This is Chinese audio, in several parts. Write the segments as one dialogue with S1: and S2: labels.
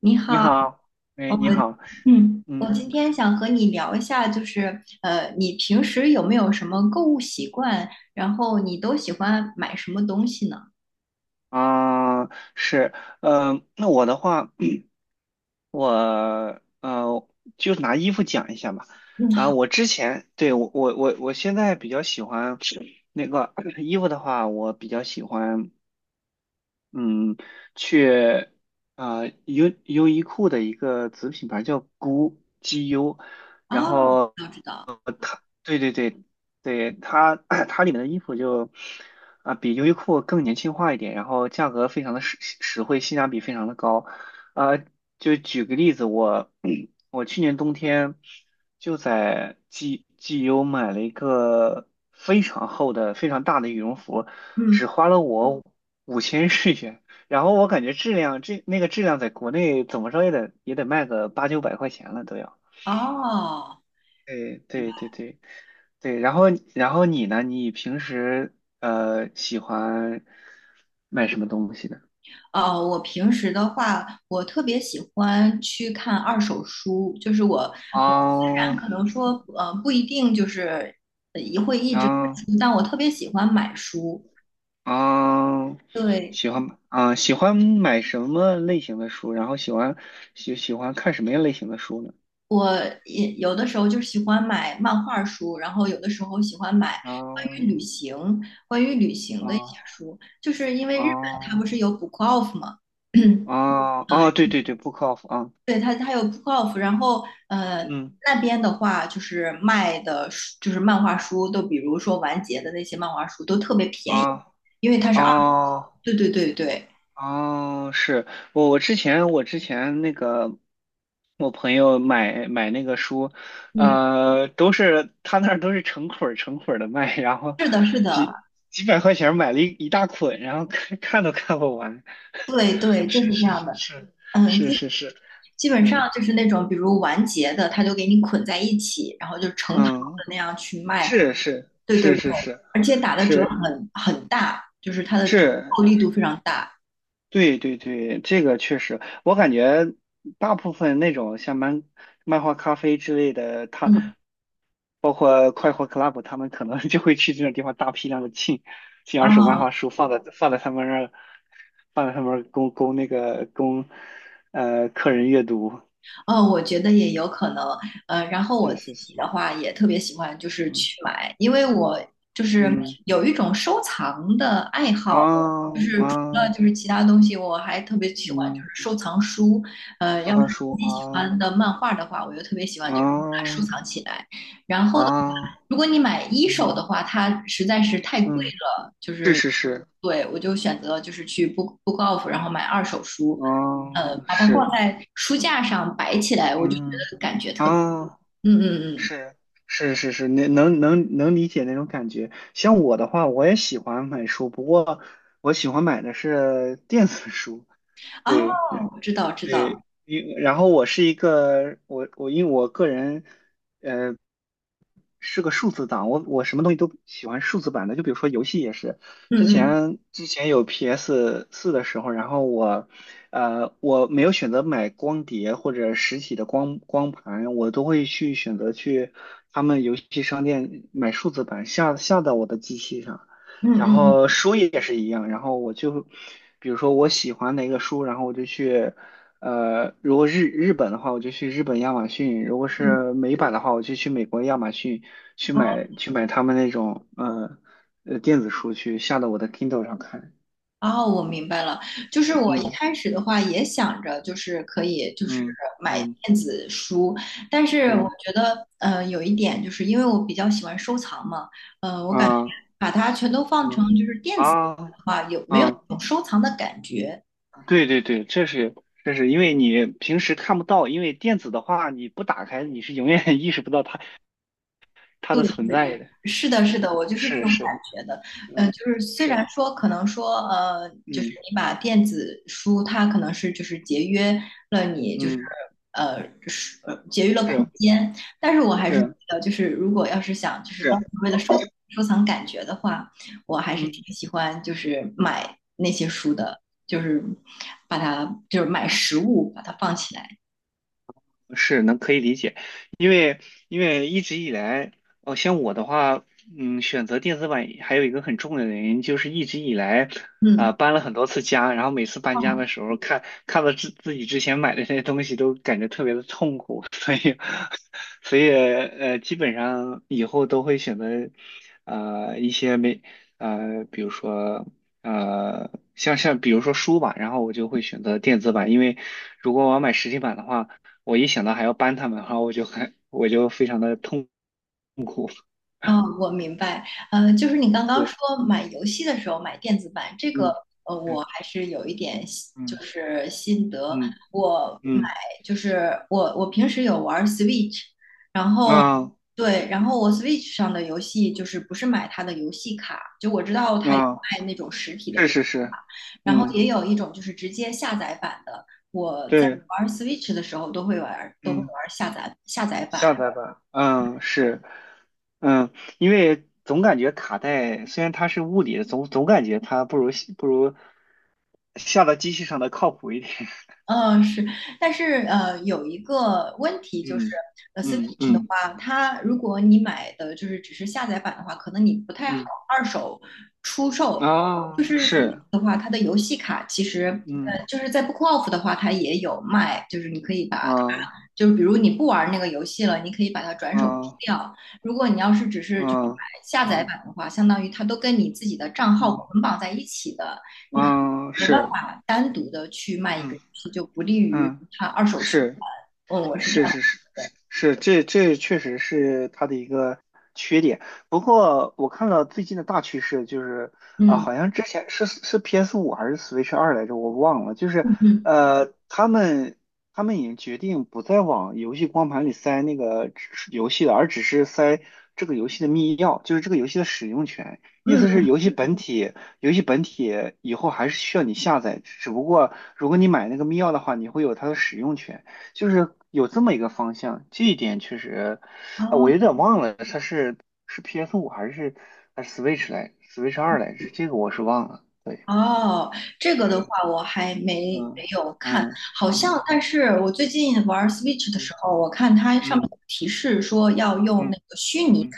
S1: 你
S2: 你
S1: 好，
S2: 好，哎，
S1: 我
S2: 你好，
S1: 我
S2: 嗯
S1: 今天想和你聊一下，就是你平时有没有什么购物习惯？然后你都喜欢买什么东西呢？
S2: 啊，是，那我的话，我呃，就拿衣服讲一下吧。
S1: 嗯，
S2: 啊，我之前对我现在比较喜欢那个 衣服的话，我比较喜欢嗯去优衣库的一个子品牌叫 GU GU，
S1: 好，
S2: 然
S1: 哦，
S2: 后。
S1: 知道知道，
S2: 对对对对，它 它里面的衣服就比优衣库更年轻化一点，然后价格非常的实惠，性价比非常的高。啊，就举个例子，我 我去年冬天就在 GU 买了一个非常厚的、非常大的羽绒服，
S1: 嗯，
S2: 只花了我五千日元。然后我感觉质量，那个质量在国内怎么着也得卖个八九百块钱了都要。
S1: 哦，
S2: 对对对对对，然后你呢？你平时喜欢买什么东西呢？
S1: 哦，我平时的话，我特别喜欢去看二手书，就是我虽然
S2: 哦，
S1: 可能说不一定就是也会一直看
S2: 哦
S1: 书，但我特别喜欢买书，
S2: 哦，
S1: 对。
S2: 喜欢买什么类型的书？然后喜欢看什么样类型的书呢？
S1: 我也有的时候就是喜欢买漫画书，然后有的时候喜欢买关于旅
S2: 哦
S1: 行、关于旅行的一些
S2: 哦
S1: 书，就是因为日本它
S2: 哦
S1: 不是有 Book Off 吗？
S2: 哦哦，对对对，Book of 啊，
S1: 对，它有 Book Off，然后
S2: 嗯
S1: 那边的话就是卖的书，就是漫画书，都比如说完结的那些漫画书都特别便宜，
S2: 啊
S1: 因为它是二，
S2: 哦
S1: 对对对对，
S2: 哦，是我之前我朋友买那个书，
S1: 嗯，
S2: 他那儿都是成捆儿的卖，然后
S1: 是的，是的，
S2: 几几百块钱买了一大捆，然后看看都看不完。
S1: 对对，就是
S2: 是
S1: 这
S2: 是
S1: 样
S2: 是
S1: 的，
S2: 是
S1: 嗯。
S2: 是是是，
S1: 基本上
S2: 嗯
S1: 就是那种比如完结的，他就给你捆在一起，然后就成套
S2: 嗯，
S1: 的那样去卖。
S2: 是是
S1: 对对
S2: 是
S1: 对，
S2: 是是
S1: 而且打的折
S2: 是
S1: 很大，就是它的折
S2: 是，
S1: 扣力度非常大。
S2: 对对对，这个确实，我感觉大部分那种像漫画咖啡之类的，他。
S1: 嗯
S2: 包括快活 club，他们可能就会去这种地方大批量的进二手漫
S1: 啊，
S2: 画书，放在他们那儿，供供那个供客人阅读。
S1: 我觉得也有可能，然后我
S2: 对，
S1: 自
S2: 是是，
S1: 己的话也特别喜欢，就是
S2: 嗯
S1: 去买，因为我就是
S2: 嗯
S1: 有一种收藏的爱
S2: 啊
S1: 好，就是除了
S2: 啊
S1: 就是其他东西，我还特别喜欢
S2: 嗯，
S1: 就是收藏书，
S2: 收
S1: 要是
S2: 藏书
S1: 自己喜
S2: 啊
S1: 欢的漫画的话，我就特别喜欢就
S2: 啊
S1: 是把它收藏起来。然后的话，
S2: 啊
S1: 如果你买一
S2: 嗯
S1: 手的话，它实在是太贵
S2: 嗯，
S1: 了，就
S2: 是
S1: 是
S2: 是是，
S1: 对我就选择就是去 Book Off，然后买二手书。
S2: 啊
S1: 把它放
S2: 是
S1: 在书架上摆起来，我就觉
S2: 嗯
S1: 得感觉特别。
S2: 啊
S1: 嗯嗯嗯，
S2: 是是是是，那能理解那种感觉。像我的话，我也喜欢买书，不过我喜欢买的是 电子书。
S1: 哦，
S2: 对
S1: 我知道知
S2: 对，
S1: 道，
S2: 然后我是一个我我因为我个人，是个数字档，我什么东西都喜欢数字版的，就比如说游戏也是，之
S1: 嗯嗯
S2: 前之前有 PS 四的时候，然后我没有选择买光碟或者实体的光盘，我都会去选择去他们游戏商店买数字版下到我的机器上，
S1: 嗯
S2: 然
S1: 嗯
S2: 后书也是一样，然后比如说我喜欢哪个书，然后我就去。如果日本的话，我就去日本亚马逊；如果
S1: 嗯，
S2: 是美版的话，我就去美国亚马逊去
S1: 哦
S2: 买去买他们那种电子书去下到我的 Kindle 上看。
S1: 哦，我明白了。就是我一
S2: 嗯
S1: 开始的话也想着，就是可以就是
S2: 嗯
S1: 买
S2: 嗯
S1: 电子书，但是我
S2: 嗯
S1: 觉得有一点就是因为我比较喜欢收藏嘛，
S2: 啊
S1: 把它全都放
S2: 嗯
S1: 成就是电子的
S2: 啊
S1: 话，有没有一
S2: 啊！
S1: 种收藏的感觉？
S2: 对对对，这是因为你平时看不到，因为电子的话你不打开，你是永远 意识不到它
S1: 对
S2: 的存
S1: 对对，
S2: 在的。
S1: 是的，是的，我就是这
S2: 是
S1: 种
S2: 是，
S1: 感觉的。嗯、
S2: 嗯
S1: 就是虽
S2: 是
S1: 然说可能说就是
S2: 嗯
S1: 你把电子书，它可能是就是节约了你就是
S2: 嗯
S1: 呃是节约了空
S2: 是
S1: 间，但是我还是觉
S2: 是
S1: 得就是如果要是想就是当时
S2: 是，
S1: 为了收藏感觉的话，我还是
S2: 嗯。
S1: 挺喜欢就是买那些书的，就是把它就是买实物把它放起来。
S2: 是能可以理解，因为因为一直以来，哦，像我的话，嗯，选择电子版还有一个很重要的原因，就是一直以来，
S1: 嗯，
S2: 搬了很多次家，然后每次搬家
S1: 哦，
S2: 的时候，看到自己之前买的那些东西，都感觉特别的痛苦，所以基本上以后都会选择，呃，一些没呃，比如说。像比如说书吧，然后我就会选择电子版，因为如果我要买实体版的话，我一想到还要搬他们，然后我就非常的痛
S1: 哦，我明白。就是你刚刚
S2: 苦。
S1: 说买游戏的时候买电子版，这个
S2: 嗯
S1: 我
S2: 嗯
S1: 还是有一点就
S2: 嗯
S1: 是心得。
S2: 嗯
S1: 我买
S2: 嗯
S1: 就是我平时有玩 Switch，然后
S2: 啊
S1: 对，然后我 Switch 上的游戏就是不是买它的游戏卡，就我知道它有
S2: 啊，
S1: 卖那种实体的
S2: 是
S1: 游戏
S2: 是是，
S1: 然后
S2: 嗯
S1: 也有一种就是直接下载版的。我在
S2: 对
S1: 玩 Switch 的时候都会玩，都会
S2: 嗯，
S1: 玩下载版。
S2: 下载吧，嗯是嗯，因为总感觉卡带虽然它是物理的，总感觉它不如下到机器上的靠谱一点。
S1: 嗯，是，但是有一个问题就是，
S2: 嗯嗯
S1: Switch 的
S2: 嗯
S1: 话，它如果你买的就是只是下载版的话，可能你不太好
S2: 嗯
S1: 二手出售。就
S2: 啊
S1: 是 Switch
S2: 是
S1: 的话，它的游戏卡其实，
S2: 嗯
S1: 就是在 Bookoff 的话，它也有卖，就是你可以把它，
S2: 啊
S1: 就是比如你不玩那个游戏了，你可以把它转手出
S2: 啊
S1: 掉。如果你要是只是就是
S2: 啊
S1: 买下
S2: 啊
S1: 载版的话，相当于它都跟你自己的账号
S2: 嗯
S1: 捆绑在一起的。你可。
S2: 啊
S1: 没办
S2: 是。
S1: 法单独的去卖一个
S2: 嗯
S1: 游戏，就不利于
S2: 嗯，
S1: 它二手循
S2: 是，
S1: 环。嗯，我是这
S2: 是
S1: 样
S2: 是是
S1: 觉得。
S2: 是是，这确实是它的一个缺点。不过我看了最近的大趋势，就是
S1: 嗯
S2: 好像之前是 PS 五还是 Switch 二来着，我忘了。就是
S1: 嗯嗯
S2: 呃，他们他们已经决定不再往游戏光盘里塞那个只游戏了，而只是塞这个游戏的密钥，就是这个游戏的使用权。意
S1: 嗯
S2: 思是
S1: 嗯，
S2: 游戏本体，游戏本体以后还是需要你下载，只不过如果你买那个密钥的话，你会有它的使用权。就是有这么一个方向，这一点确实，
S1: 哦。
S2: 啊，我有点忘了，它是 PS 五还是 Switch 二来，这个我是忘了。对，
S1: 哦，这个的
S2: 是，
S1: 话我还没没
S2: 嗯
S1: 有看，
S2: 嗯
S1: 好像，
S2: 嗯
S1: 但是我最近玩 Switch 的
S2: 嗯
S1: 时候，我看它上面
S2: 嗯
S1: 有提示说要用那
S2: 嗯
S1: 个虚拟卡，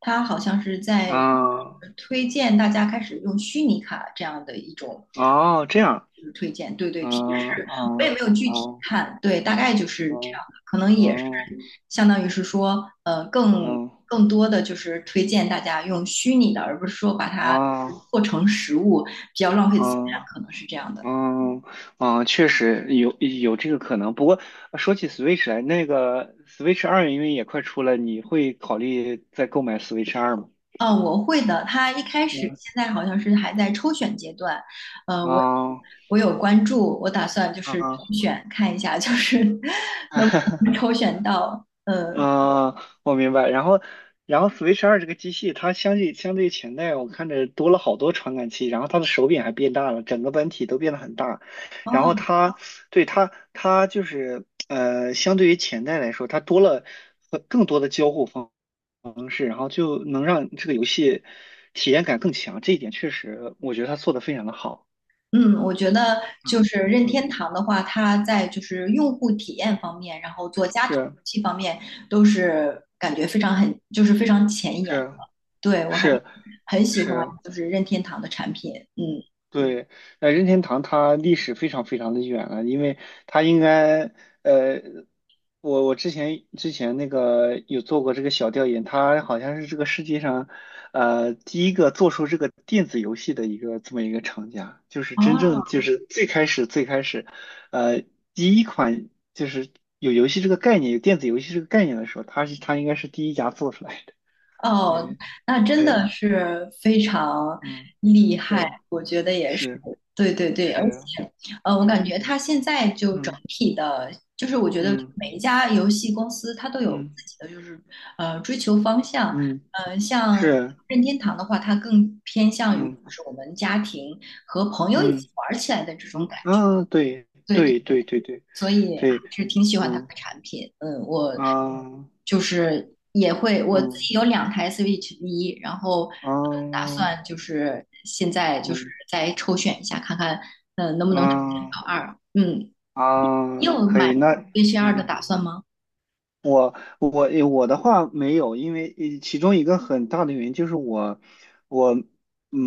S1: 它好像是在
S2: 啊
S1: 推荐大家开始用虚拟卡这样的一种
S2: 哦，这样，
S1: 就是推荐，对对，提示，
S2: 嗯啊
S1: 我也没有具
S2: 啊
S1: 体
S2: 啊
S1: 看，对，大概就是这样的，可能也是
S2: 啊
S1: 相当于是说，更多的就是推荐大家用虚拟的，而不是说把
S2: 啊
S1: 它
S2: 啊。
S1: 做成实物。比较浪费资源，
S2: 哦
S1: 可能是这样的。
S2: 嗯嗯，确实有这个可能。不过说起 Switch 来，那个 Switch 二因为也快出了，你会考虑再购买 Switch 二吗？
S1: 啊，我会的。他一开始现在好像是还在抽选阶段，呃，我
S2: 啊、
S1: 我有关注，我打算就是
S2: 啊，
S1: 抽选看一下，就是 能不能抽选到。
S2: 嗯，我明白。然后， Switch 二这个机器，它相对于前代，我看着多了好多传感器，然后它的手柄还变大了，整个本体都变得很大。然后
S1: 哦，
S2: 它就是相对于前代来说，它多了更多的交互方式，然后就能让这个游戏体验感更强。这一点确实，我觉得他做的非常的好。
S1: 嗯，我觉得就
S2: 嗯
S1: 是任天
S2: 嗯，
S1: 堂的话，它在就是用户体验方面，然后做家庭游
S2: 是
S1: 戏方面，都是感觉非常就是非常前沿。
S2: 是
S1: 对，我还
S2: 是
S1: 很喜欢
S2: 是，
S1: 就是任天堂的产品，嗯。
S2: 对，那任天堂它历史非常非常的远了，因为它应该，呃，我之前有做过这个小调研，它好像是这个世界上，第一个做出这个电子游戏的一个这么一个厂家，就是
S1: 哦
S2: 真正就是最开始最开始，呃，第一款就是有游戏这个概念，有电子游戏这个概念的时候，它应该是第一家做出来的。
S1: 哦，
S2: 对
S1: 那真
S2: 对，
S1: 的是非常
S2: 嗯，
S1: 厉害，
S2: 是
S1: 我觉得也是，
S2: 是
S1: 对对对，而
S2: 是，
S1: 且，我感
S2: 嗯
S1: 觉它现在就整
S2: 嗯。
S1: 体的，就是我觉得
S2: 嗯
S1: 每一家游戏公司它都有
S2: 嗯
S1: 自己的，就是追求方向，
S2: 嗯，
S1: 像
S2: 是，
S1: 任天堂的话，它更偏向于就
S2: 嗯
S1: 是我们家庭和朋友一起
S2: 嗯
S1: 玩儿起来的这种感
S2: 嗯
S1: 觉，
S2: 啊，对
S1: 对对。
S2: 对对对对
S1: 所以还
S2: 对，
S1: 是挺喜欢它的
S2: 嗯
S1: 产品。嗯，我
S2: 啊
S1: 就是也会我自
S2: 嗯
S1: 己有2台 Switch 一，然后打
S2: 啊
S1: 算就是现在就是
S2: 嗯
S1: 再抽选一下，看看能不能抽选
S2: 啊
S1: 到二。嗯，
S2: 啊，
S1: 你有
S2: 可
S1: 买
S2: 以，那
S1: Switch 二的
S2: 嗯。
S1: 打算吗？
S2: 我我的话没有，因为其中一个很大的原因就是我嗯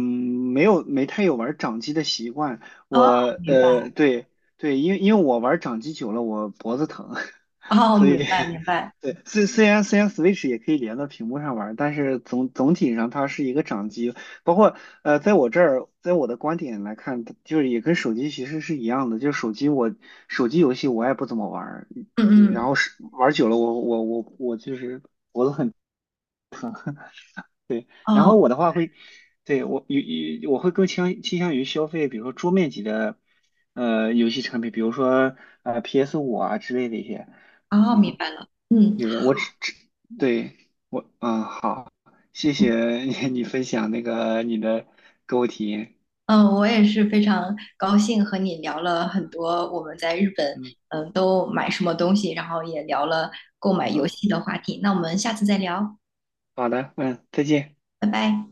S2: 没太有玩掌机的习惯，我
S1: 哦，明白，
S2: 对对，因为我玩掌机久了我脖子疼，
S1: 哦，
S2: 所以
S1: 明白，明白，
S2: 对虽然 Switch 也可以连到屏幕上玩，但是总体上它是一个掌机，包括在我的观点来看，就是也跟手机其实是一样的，就是手机游戏我也不怎么玩，
S1: 嗯
S2: 就然
S1: 嗯，
S2: 后是玩久了我，然后
S1: 哦，
S2: 我的话会，对我有有我会更倾向于消费，比如说桌面级的游戏产品，比如说PS 五啊之类的一些，
S1: 哦，明
S2: 嗯，
S1: 白了，嗯。
S2: 对，我只只对我嗯好，谢谢你分享你的购物体验，
S1: 嗯，我也是非常高兴和你聊了很多我们在日本，
S2: 嗯
S1: 嗯，都买什么东西，然后也聊了购买游
S2: 好
S1: 戏的话题。那我们下次再聊，
S2: 好的嗯再见。
S1: 拜拜。